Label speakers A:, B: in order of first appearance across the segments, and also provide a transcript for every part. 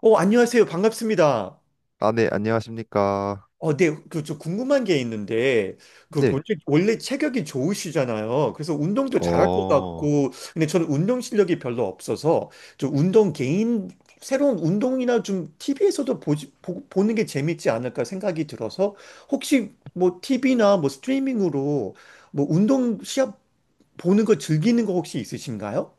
A: 안녕하세요. 반갑습니다.
B: 아, 네, 안녕하십니까.
A: 네, 저 궁금한 게 있는데, 그, 그
B: 네,
A: 원래 체격이 좋으시잖아요. 그래서 운동도 잘할 것
B: 어,
A: 같고, 근데 저는 운동 실력이 별로 없어서, 저 운동 개인, 새로운 운동이나 좀 TV에서도 보는 게 재밌지 않을까 생각이 들어서, 혹시 뭐 TV나 뭐 스트리밍으로 뭐 운동 시합 보는 거 즐기는 거 혹시 있으신가요?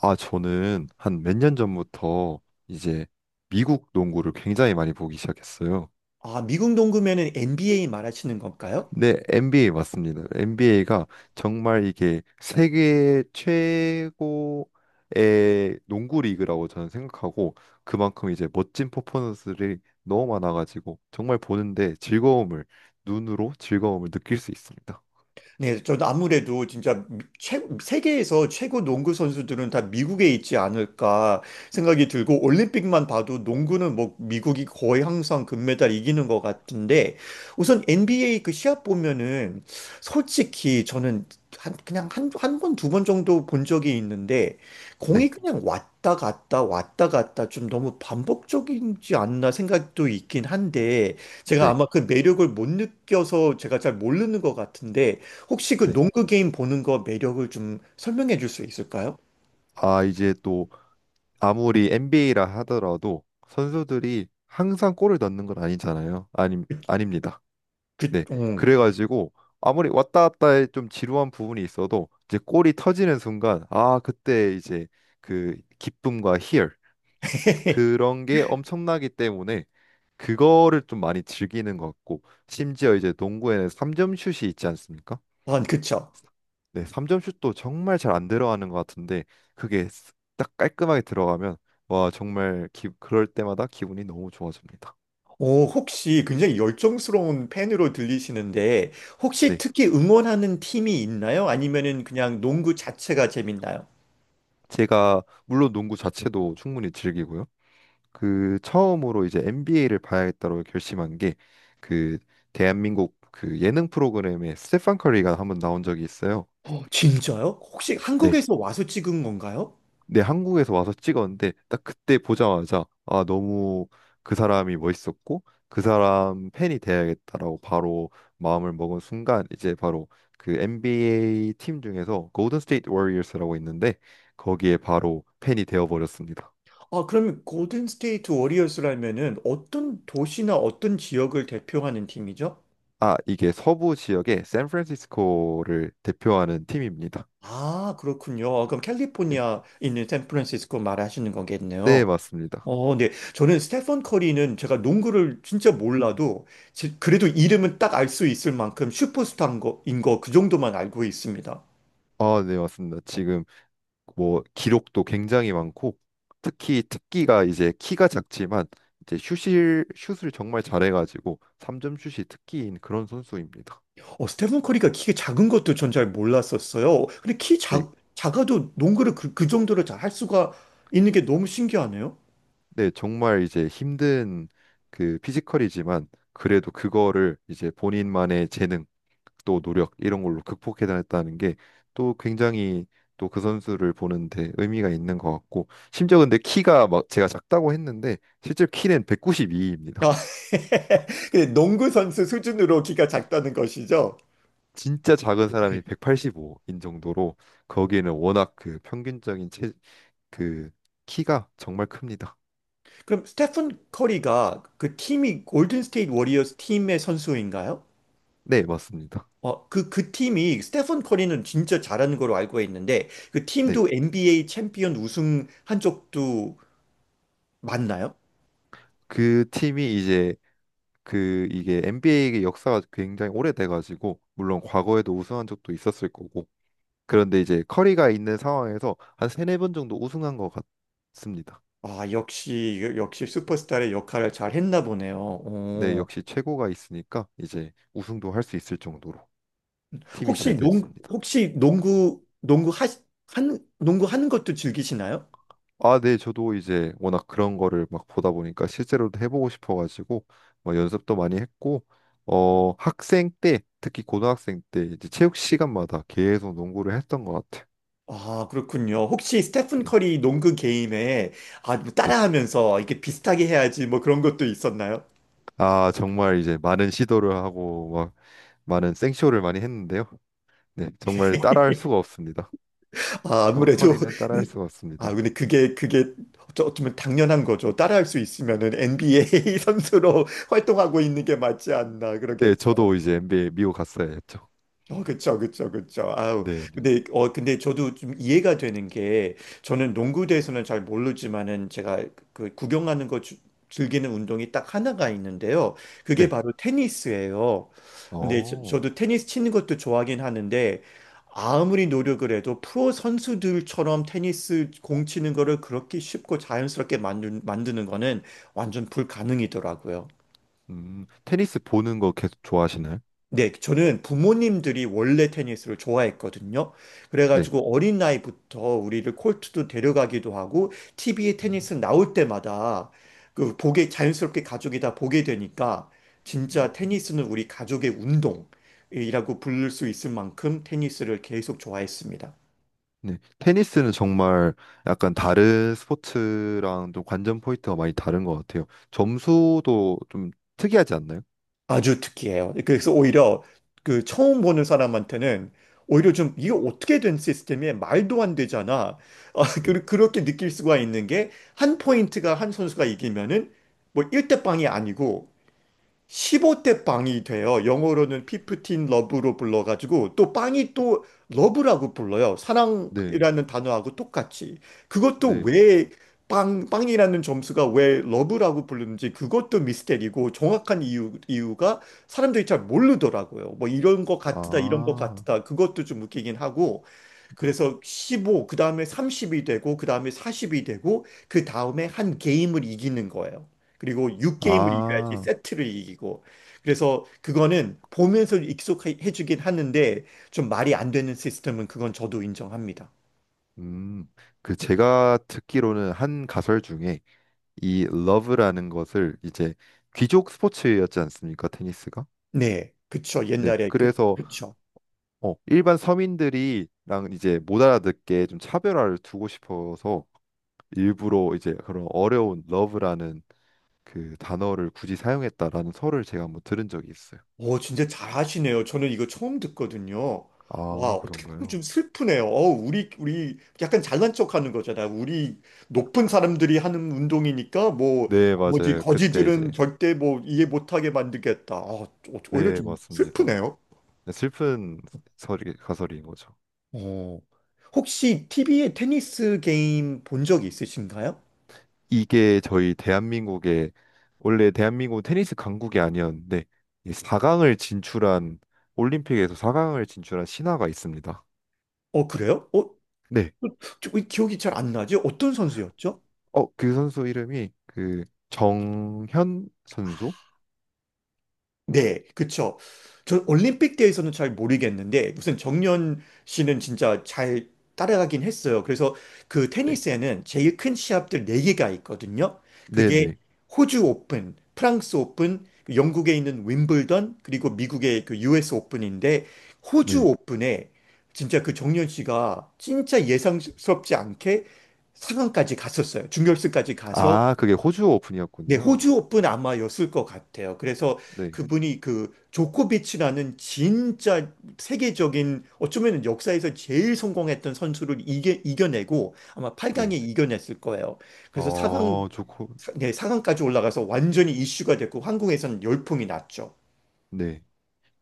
B: 저는 한 몇 년 전부터 이제 미국 농구를 굉장히 많이 보기 시작했어요.
A: 아, 미국 농구면은 NBA 말하시는 건가요?
B: 네, NBA 맞습니다. NBA가 정말 이게 세계 최고의 농구 리그라고 저는 생각하고 그만큼 이제 멋진 퍼포먼스들이 너무 많아가지고 정말 보는데 눈으로 즐거움을 느낄 수 있습니다.
A: 네, 전 아무래도 진짜 세계에서 최고 농구 선수들은 다 미국에 있지 않을까 생각이 들고, 올림픽만 봐도 농구는 뭐 미국이 거의 항상 금메달 이기는 것 같은데, 우선 NBA 그 시합 보면은 솔직히 저는 한 번, 두 번 정도 본 적이 있는데, 공이
B: 네,
A: 그냥 왔다 갔다 왔다 갔다 좀 너무 반복적이지 않나 생각도 있긴 한데, 제가
B: 네,
A: 아마 그 매력을 못 느껴서 제가 잘 모르는 것 같은데, 혹시 그
B: 네.
A: 농구 게임 보는 거 매력을 좀 설명해 줄 수 있을까요?
B: 아, 이제 아무리 NBA라 하더라도 선수들이 항상 골을 넣는 건 아니잖아요. 아니, 아닙니다.
A: 그,
B: 네.
A: 음.
B: 그래가지고 아무리 왔다 갔다 해좀 지루한 부분이 있어도 이제 골이 터지는 순간 아, 그때 이제 그 기쁨과 희열 그런 게 엄청나기 때문에 그거를 좀 많이 즐기는 것 같고 심지어 이제 농구에는 3점 슛이 있지 않습니까?
A: 아, 그쵸.
B: 네, 3점 슛도 정말 잘 안 들어가는 것 같은데 그게 딱 깔끔하게 들어가면 와 정말 그럴 때마다 기분이 너무 좋아집니다.
A: 오, 혹시 굉장히 열정스러운 팬으로 들리시는데, 혹시
B: 네,
A: 특히 응원하는 팀이 있나요? 아니면은 그냥 농구 자체가 재밌나요?
B: 제가 물론 농구 자체도 충분히 즐기고요. 그 처음으로 이제 NBA를 봐야겠다고 결심한 게 그 대한민국 그 예능 프로그램에 스테판 커리가 한번 나온 적이 있어요.
A: 어, 진짜요? 혹시
B: 네,
A: 한국에서 와서 찍은 건가요?
B: 네, 한국에서 와서 찍었는데 딱 그때 보자마자 아, 너무 그 사람이 멋있었고 그 사람 팬이 돼야겠다라고 바로 마음을 먹은 순간 이제 바로 그 NBA 팀 중에서 골든 스테이트 워리어스라고 있는데 거기에 바로 팬이 되어 버렸습니다.
A: 아, 그럼 골든 스테이트 워리어스라면은 어떤 도시나 어떤 지역을 대표하는 팀이죠?
B: 아, 이게 서부 지역의 샌프란시스코를 대표하는 팀입니다.
A: 아, 그렇군요. 아, 그럼
B: 네.
A: 캘리포니아 있는 샌프란시스코 말하시는
B: 네,
A: 거겠네요.
B: 맞습니다.
A: 네. 저는 스테펀 커리는 제가 농구를 진짜 몰라도 그래도 이름은 딱 알 수 있을 만큼 슈퍼스타인 거, 그 정도만 알고 있습니다.
B: 아, 네, 맞습니다. 지금 뭐 기록도 굉장히 많고 특히 특기가 이제 키가 작지만 이제 슛을 정말 잘해가지고 3점 슛이 특기인 그런 선수입니다.
A: 스테펀 커리가 키가 작은 것도 전 잘 몰랐었어요. 근데
B: 네,
A: 작아도 농구를 그 정도로 잘 할 수가 있는 게 너무 신기하네요.
B: 네 정말 이제 힘든 그 피지컬이지만 그래도 그거를 이제 본인만의 재능 또 노력 이런 걸로 극복해냈다는 게 또 굉장히 또 그 선수를 보는데 의미가 있는 것 같고 심지어 근데 키가 막 제가 작다고 했는데 실제 키는
A: 아,
B: 192입니다.
A: 근데 농구 선수 수준으로 키가 작다는 것이죠.
B: 진짜 작은 사람이 185인 정도로 거기는 워낙 그 평균적인 체, 그 키가 정말 큽니다.
A: 그럼 스테픈 커리가 그 팀이 골든 스테이트 워리어스 팀의 선수인가요?
B: 네, 맞습니다.
A: 그 팀이 스테픈 커리는 진짜 잘하는 걸로 알고 있는데, 그
B: 네.
A: 팀도 NBA 챔피언 우승한 적도 맞나요?
B: 그 팀이 이제 그 이게 NBA의 역사가 굉장히 오래돼 가지고 물론 과거에도 우승한 적도 있었을 거고 그런데 이제 커리가 있는 상황에서 한 세네 번 정도 우승한 것 같습니다.
A: 아, 역시 역시 슈퍼스타의 역할을 잘 했나 보네요.
B: 네,
A: 어.
B: 역시 최고가 있으니까 이제 우승도 할 수 있을 정도로 팀이
A: 혹시
B: 잘
A: 농
B: 됐습니다.
A: 혹시 한 농구 하는 것도 즐기시나요?
B: 아, 네, 저도 이제 워낙 그런 거를 막 보다 보니까 실제로도 해보고 싶어가지고 뭐 연습도 많이 했고, 학생 때, 특히 고등학생 때 이제 체육 시간마다 계속 농구를 했던 것 같아요.
A: 아, 그렇군요. 혹시 스테픈
B: 네,
A: 커리 농구 게임에 아, 뭐
B: 네.
A: 따라하면서 이렇게 비슷하게 해야지 뭐 그런 것도 있었나요?
B: 아, 정말 이제 많은 시도를 하고 막 많은 생쇼를 많이 했는데요. 네, 정말 따라할 수가 없습니다.
A: 아, 아무래도
B: 커리는 따라할
A: 네.
B: 수가
A: 아,
B: 없습니다.
A: 근데 그게 그게 어쩌면 당연한 거죠. 따라할 수 있으면은 NBA 선수로 활동하고 있는 게 맞지 않나
B: 네,
A: 그러겠죠.
B: 저도 이제 NBA 미국 갔어야 했죠.
A: 어, 그쵸. 아우,
B: 네, 네.
A: 근데 저도 좀 이해가 되는 게, 저는 농구에 대해서는 잘 모르지만은, 제가 그 구경하는 즐기는 운동이 딱 하나가 있는데요. 그게
B: 네.
A: 바로 테니스예요. 근데
B: 어,
A: 저도 테니스 치는 것도 좋아하긴 하는데, 아무리 노력을 해도 프로 선수들처럼 테니스 공 치는 거를 그렇게 쉽고 자연스럽게 만드는 거는 완전 불가능이더라고요.
B: 테니스 보는 거 계속 좋아하시나요?
A: 네, 저는 부모님들이 원래 테니스를 좋아했거든요.
B: 네.
A: 그래가지고 어린 나이부터 우리를 콜트도 데려가기도 하고, TV에
B: 음.
A: 테니스 나올 때마다 자연스럽게 가족이 다 보게 되니까, 진짜 테니스는 우리 가족의 운동이라고 부를 수 있을 만큼 테니스를 계속 좋아했습니다.
B: 네, 테니스는 정말 약간 다른 스포츠랑 좀 관전 포인트가 많이 다른 것 같아요. 점수도 좀 특이하지 않나요?
A: 아주 특이해요. 그래서 오히려 그 처음 보는 사람한테는 오히려 좀, 이게 어떻게 된 시스템이야? 말도 안 되잖아. 아,
B: 네,
A: 그렇게 느낄 수가 있는 게, 한 포인트가 한 선수가 이기면은 뭐 1대 0이 아니고 15대 빵이 돼요. 영어로는 피프틴 러브로 불러가지고 또 빵이 또 러브라고 불러요.
B: 네,
A: 사랑이라는 단어하고 똑같이. 그것도
B: 네.
A: 왜 빵이라는 점수가 왜 러브라고 부르는지 그것도 미스테리고, 정확한 이유가 사람들이 잘 모르더라고요. 뭐 이런 것 같다, 이런 것
B: 아,
A: 같다. 그것도 좀 웃기긴 하고.
B: 네.
A: 그래서 15, 그 다음에 30이 되고, 그 다음에 40이 되고, 그 다음에 한 게임을 이기는 거예요. 그리고 6게임을 이겨야지
B: 아,
A: 세트를 이기고. 그래서 그거는 보면서 익숙해 주긴 하는데, 좀 말이 안 되는 시스템은 그건 저도 인정합니다.
B: 음. 그 제가 듣기로는 한 가설 중에 이 러브라는 것을 이제 귀족 스포츠였지 않습니까? 테니스가?
A: 네, 그쵸.
B: 네,
A: 옛날에
B: 그래서
A: 그쵸.
B: 일반 서민들이랑 이제 못 알아듣게 좀 차별화를 두고 싶어서 일부러 이제 그런 어려운 러브라는 그 단어를 굳이 사용했다라는 설을 제가 한번 들은 적이 있어요.
A: 오, 진짜 잘하시네요. 저는 이거 처음 듣거든요. 와,
B: 아,
A: 어떻게 보면
B: 그런가요?
A: 좀 슬프네요. 어, 우리 약간 잘난 척 하는 거잖아요. 우리 높은 사람들이 하는 운동이니까 뭐,
B: 네,
A: 뭐지,
B: 맞아요. 그때 이제
A: 거지들은 절대 뭐 이해 못하게 만들겠다. 아, 오히려
B: 네,
A: 좀
B: 맞습니다.
A: 슬프네요.
B: 네, 슬픈 설이 가설인 거죠.
A: 어. 혹시 TV에 테니스 게임 본 적이 있으신가요?
B: 이게 저희 대한민국의 원래 대한민국 테니스 강국이 아니었는데 4강을 진출한 올림픽에서 4강을 진출한 신화가 있습니다.
A: 어, 그래요? 어,
B: 네.
A: 저- 왜 기억이 잘 안 나지? 어떤 선수였죠?
B: 그 선수 이름이 그 정현 선수?
A: 네, 그쵸. 저 올림픽 때에서는 잘 모르겠는데, 무슨 정연 씨는 진짜 잘 따라가긴 했어요. 그래서 그
B: 네.
A: 테니스에는 제일 큰 시합들 네개가 있거든요.
B: 네,
A: 그게
B: 네.
A: 호주 오픈, 프랑스 오픈, 그 영국에 있는 윈블던, 그리고 미국의 그 US 오픈인데, 호주
B: 네.
A: 오픈에 진짜 그 정연 씨가 진짜 예상스럽지 않게 상강까지 갔었어요. 준결승까지 가서
B: 아, 그게 호주
A: 네,
B: 오픈이었군요.
A: 호주 오픈 아마였을 것 같아요. 그래서
B: 네,
A: 그분이 그 조코비치라는 진짜 세계적인 어쩌면 역사에서 제일 성공했던 선수를 이겨내고 아마 8강에
B: 네.
A: 이겨냈을 거예요. 그래서 사 강
B: 좋고,
A: 네, 4강까지 올라가서 완전히 이슈가 됐고 한국에서는 열풍이 났죠.
B: 네.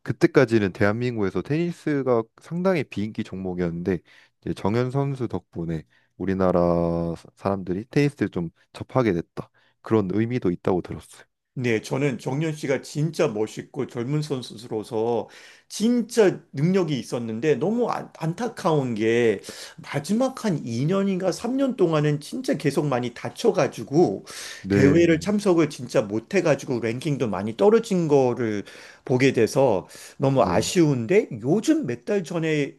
B: 그때까지는 대한민국에서 테니스가 상당히 비인기 종목이었는데, 이제 정현 선수 덕분에 우리나라 사람들이 테니스를 좀 접하게 됐다. 그런 의미도 있다고 들었어요.
A: 네, 저는 정현 씨가 진짜 멋있고 젊은 선수로서 진짜 능력이 있었는데 너무 안, 안타까운 게 마지막 한 2년인가 3년 동안은 진짜 계속 많이 다쳐가지고
B: 네,
A: 대회를
B: 네,
A: 참석을 진짜 못해가지고 랭킹도 많이 떨어진 거를 보게 돼서 너무
B: 네,
A: 아쉬운데, 요즘 몇 달 전에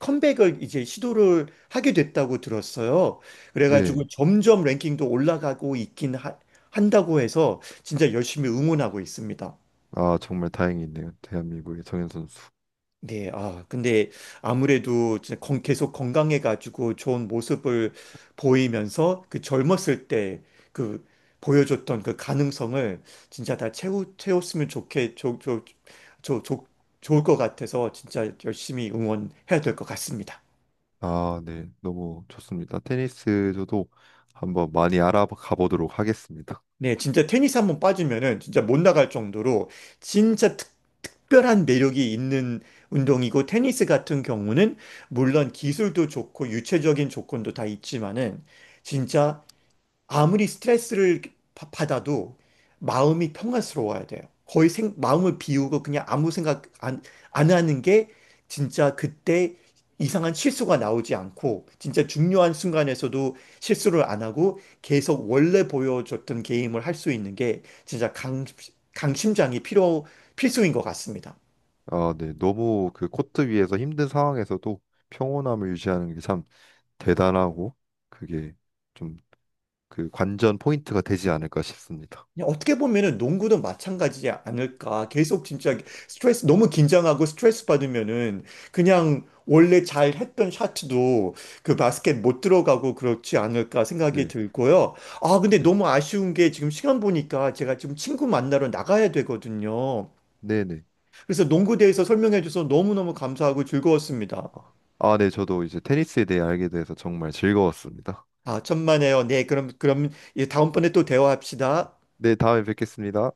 A: 컴백을 이제 시도를 하게 됐다고 들었어요.
B: 네.
A: 그래가지고 점점 랭킹도 올라가고 있긴 한다고 해서 진짜 열심히 응원하고 있습니다.
B: 아, 정말 다행이네요. 대한민국의 정현 선수.
A: 네, 아, 근데 아무래도 진짜 계속 건강해가지고 좋은 모습을 보이면서 그 젊었을 때 그 보여줬던 그 가능성을 진짜 다 채웠으면 좋게, 좋, 좋, 좋, 좋, 좋을 것 같아서 진짜 열심히 응원해야 될 것 같습니다.
B: 아, 네. 너무 좋습니다. 테니스 저도 한번 많이 알아가 보도록 하겠습니다.
A: 네, 진짜 테니스 한번 빠지면은 진짜 못 나갈 정도로 진짜 특별한 매력이 있는 운동이고, 테니스 같은 경우는 물론 기술도 좋고 유체적인 조건도 다 있지만은 진짜 아무리 스트레스를 받아도 마음이 평안스러워야 돼요. 거의 생, 마음을 비우고 그냥 아무 생각 안 하는 게 진짜 그때 이상한 실수가 나오지 않고 진짜 중요한 순간에서도 실수를 안 하고 계속 원래 보여줬던 게임을 할 수 있는 게 진짜 강심장이 필수인 것 같습니다.
B: 아, 네. 너무 그 코트 위에서 힘든 상황에서도 평온함을 유지하는 게 참 대단하고 그게 좀 그 관전 포인트가 되지 않을까 싶습니다.
A: 그냥 어떻게 보면은 농구도 마찬가지지 않을까. 계속 진짜 스트레스, 너무 긴장하고 스트레스 받으면은 그냥 원래 잘 했던 샷도 그 바스켓 못 들어가고 그렇지 않을까 생각이
B: 네,
A: 들고요. 아, 근데
B: 네,
A: 너무 아쉬운 게 지금 시간 보니까 제가 지금 친구 만나러 나가야 되거든요.
B: 네, 네.
A: 그래서 농구 대해서 설명해 줘서 너무너무 감사하고 즐거웠습니다.
B: 아, 네. 저도 이제 테니스에 대해 알게 돼서 정말 즐거웠습니다.
A: 아, 천만에요. 네, 그럼, 그럼 예, 다음번에 또 대화합시다.
B: 네, 다음에 뵙겠습니다.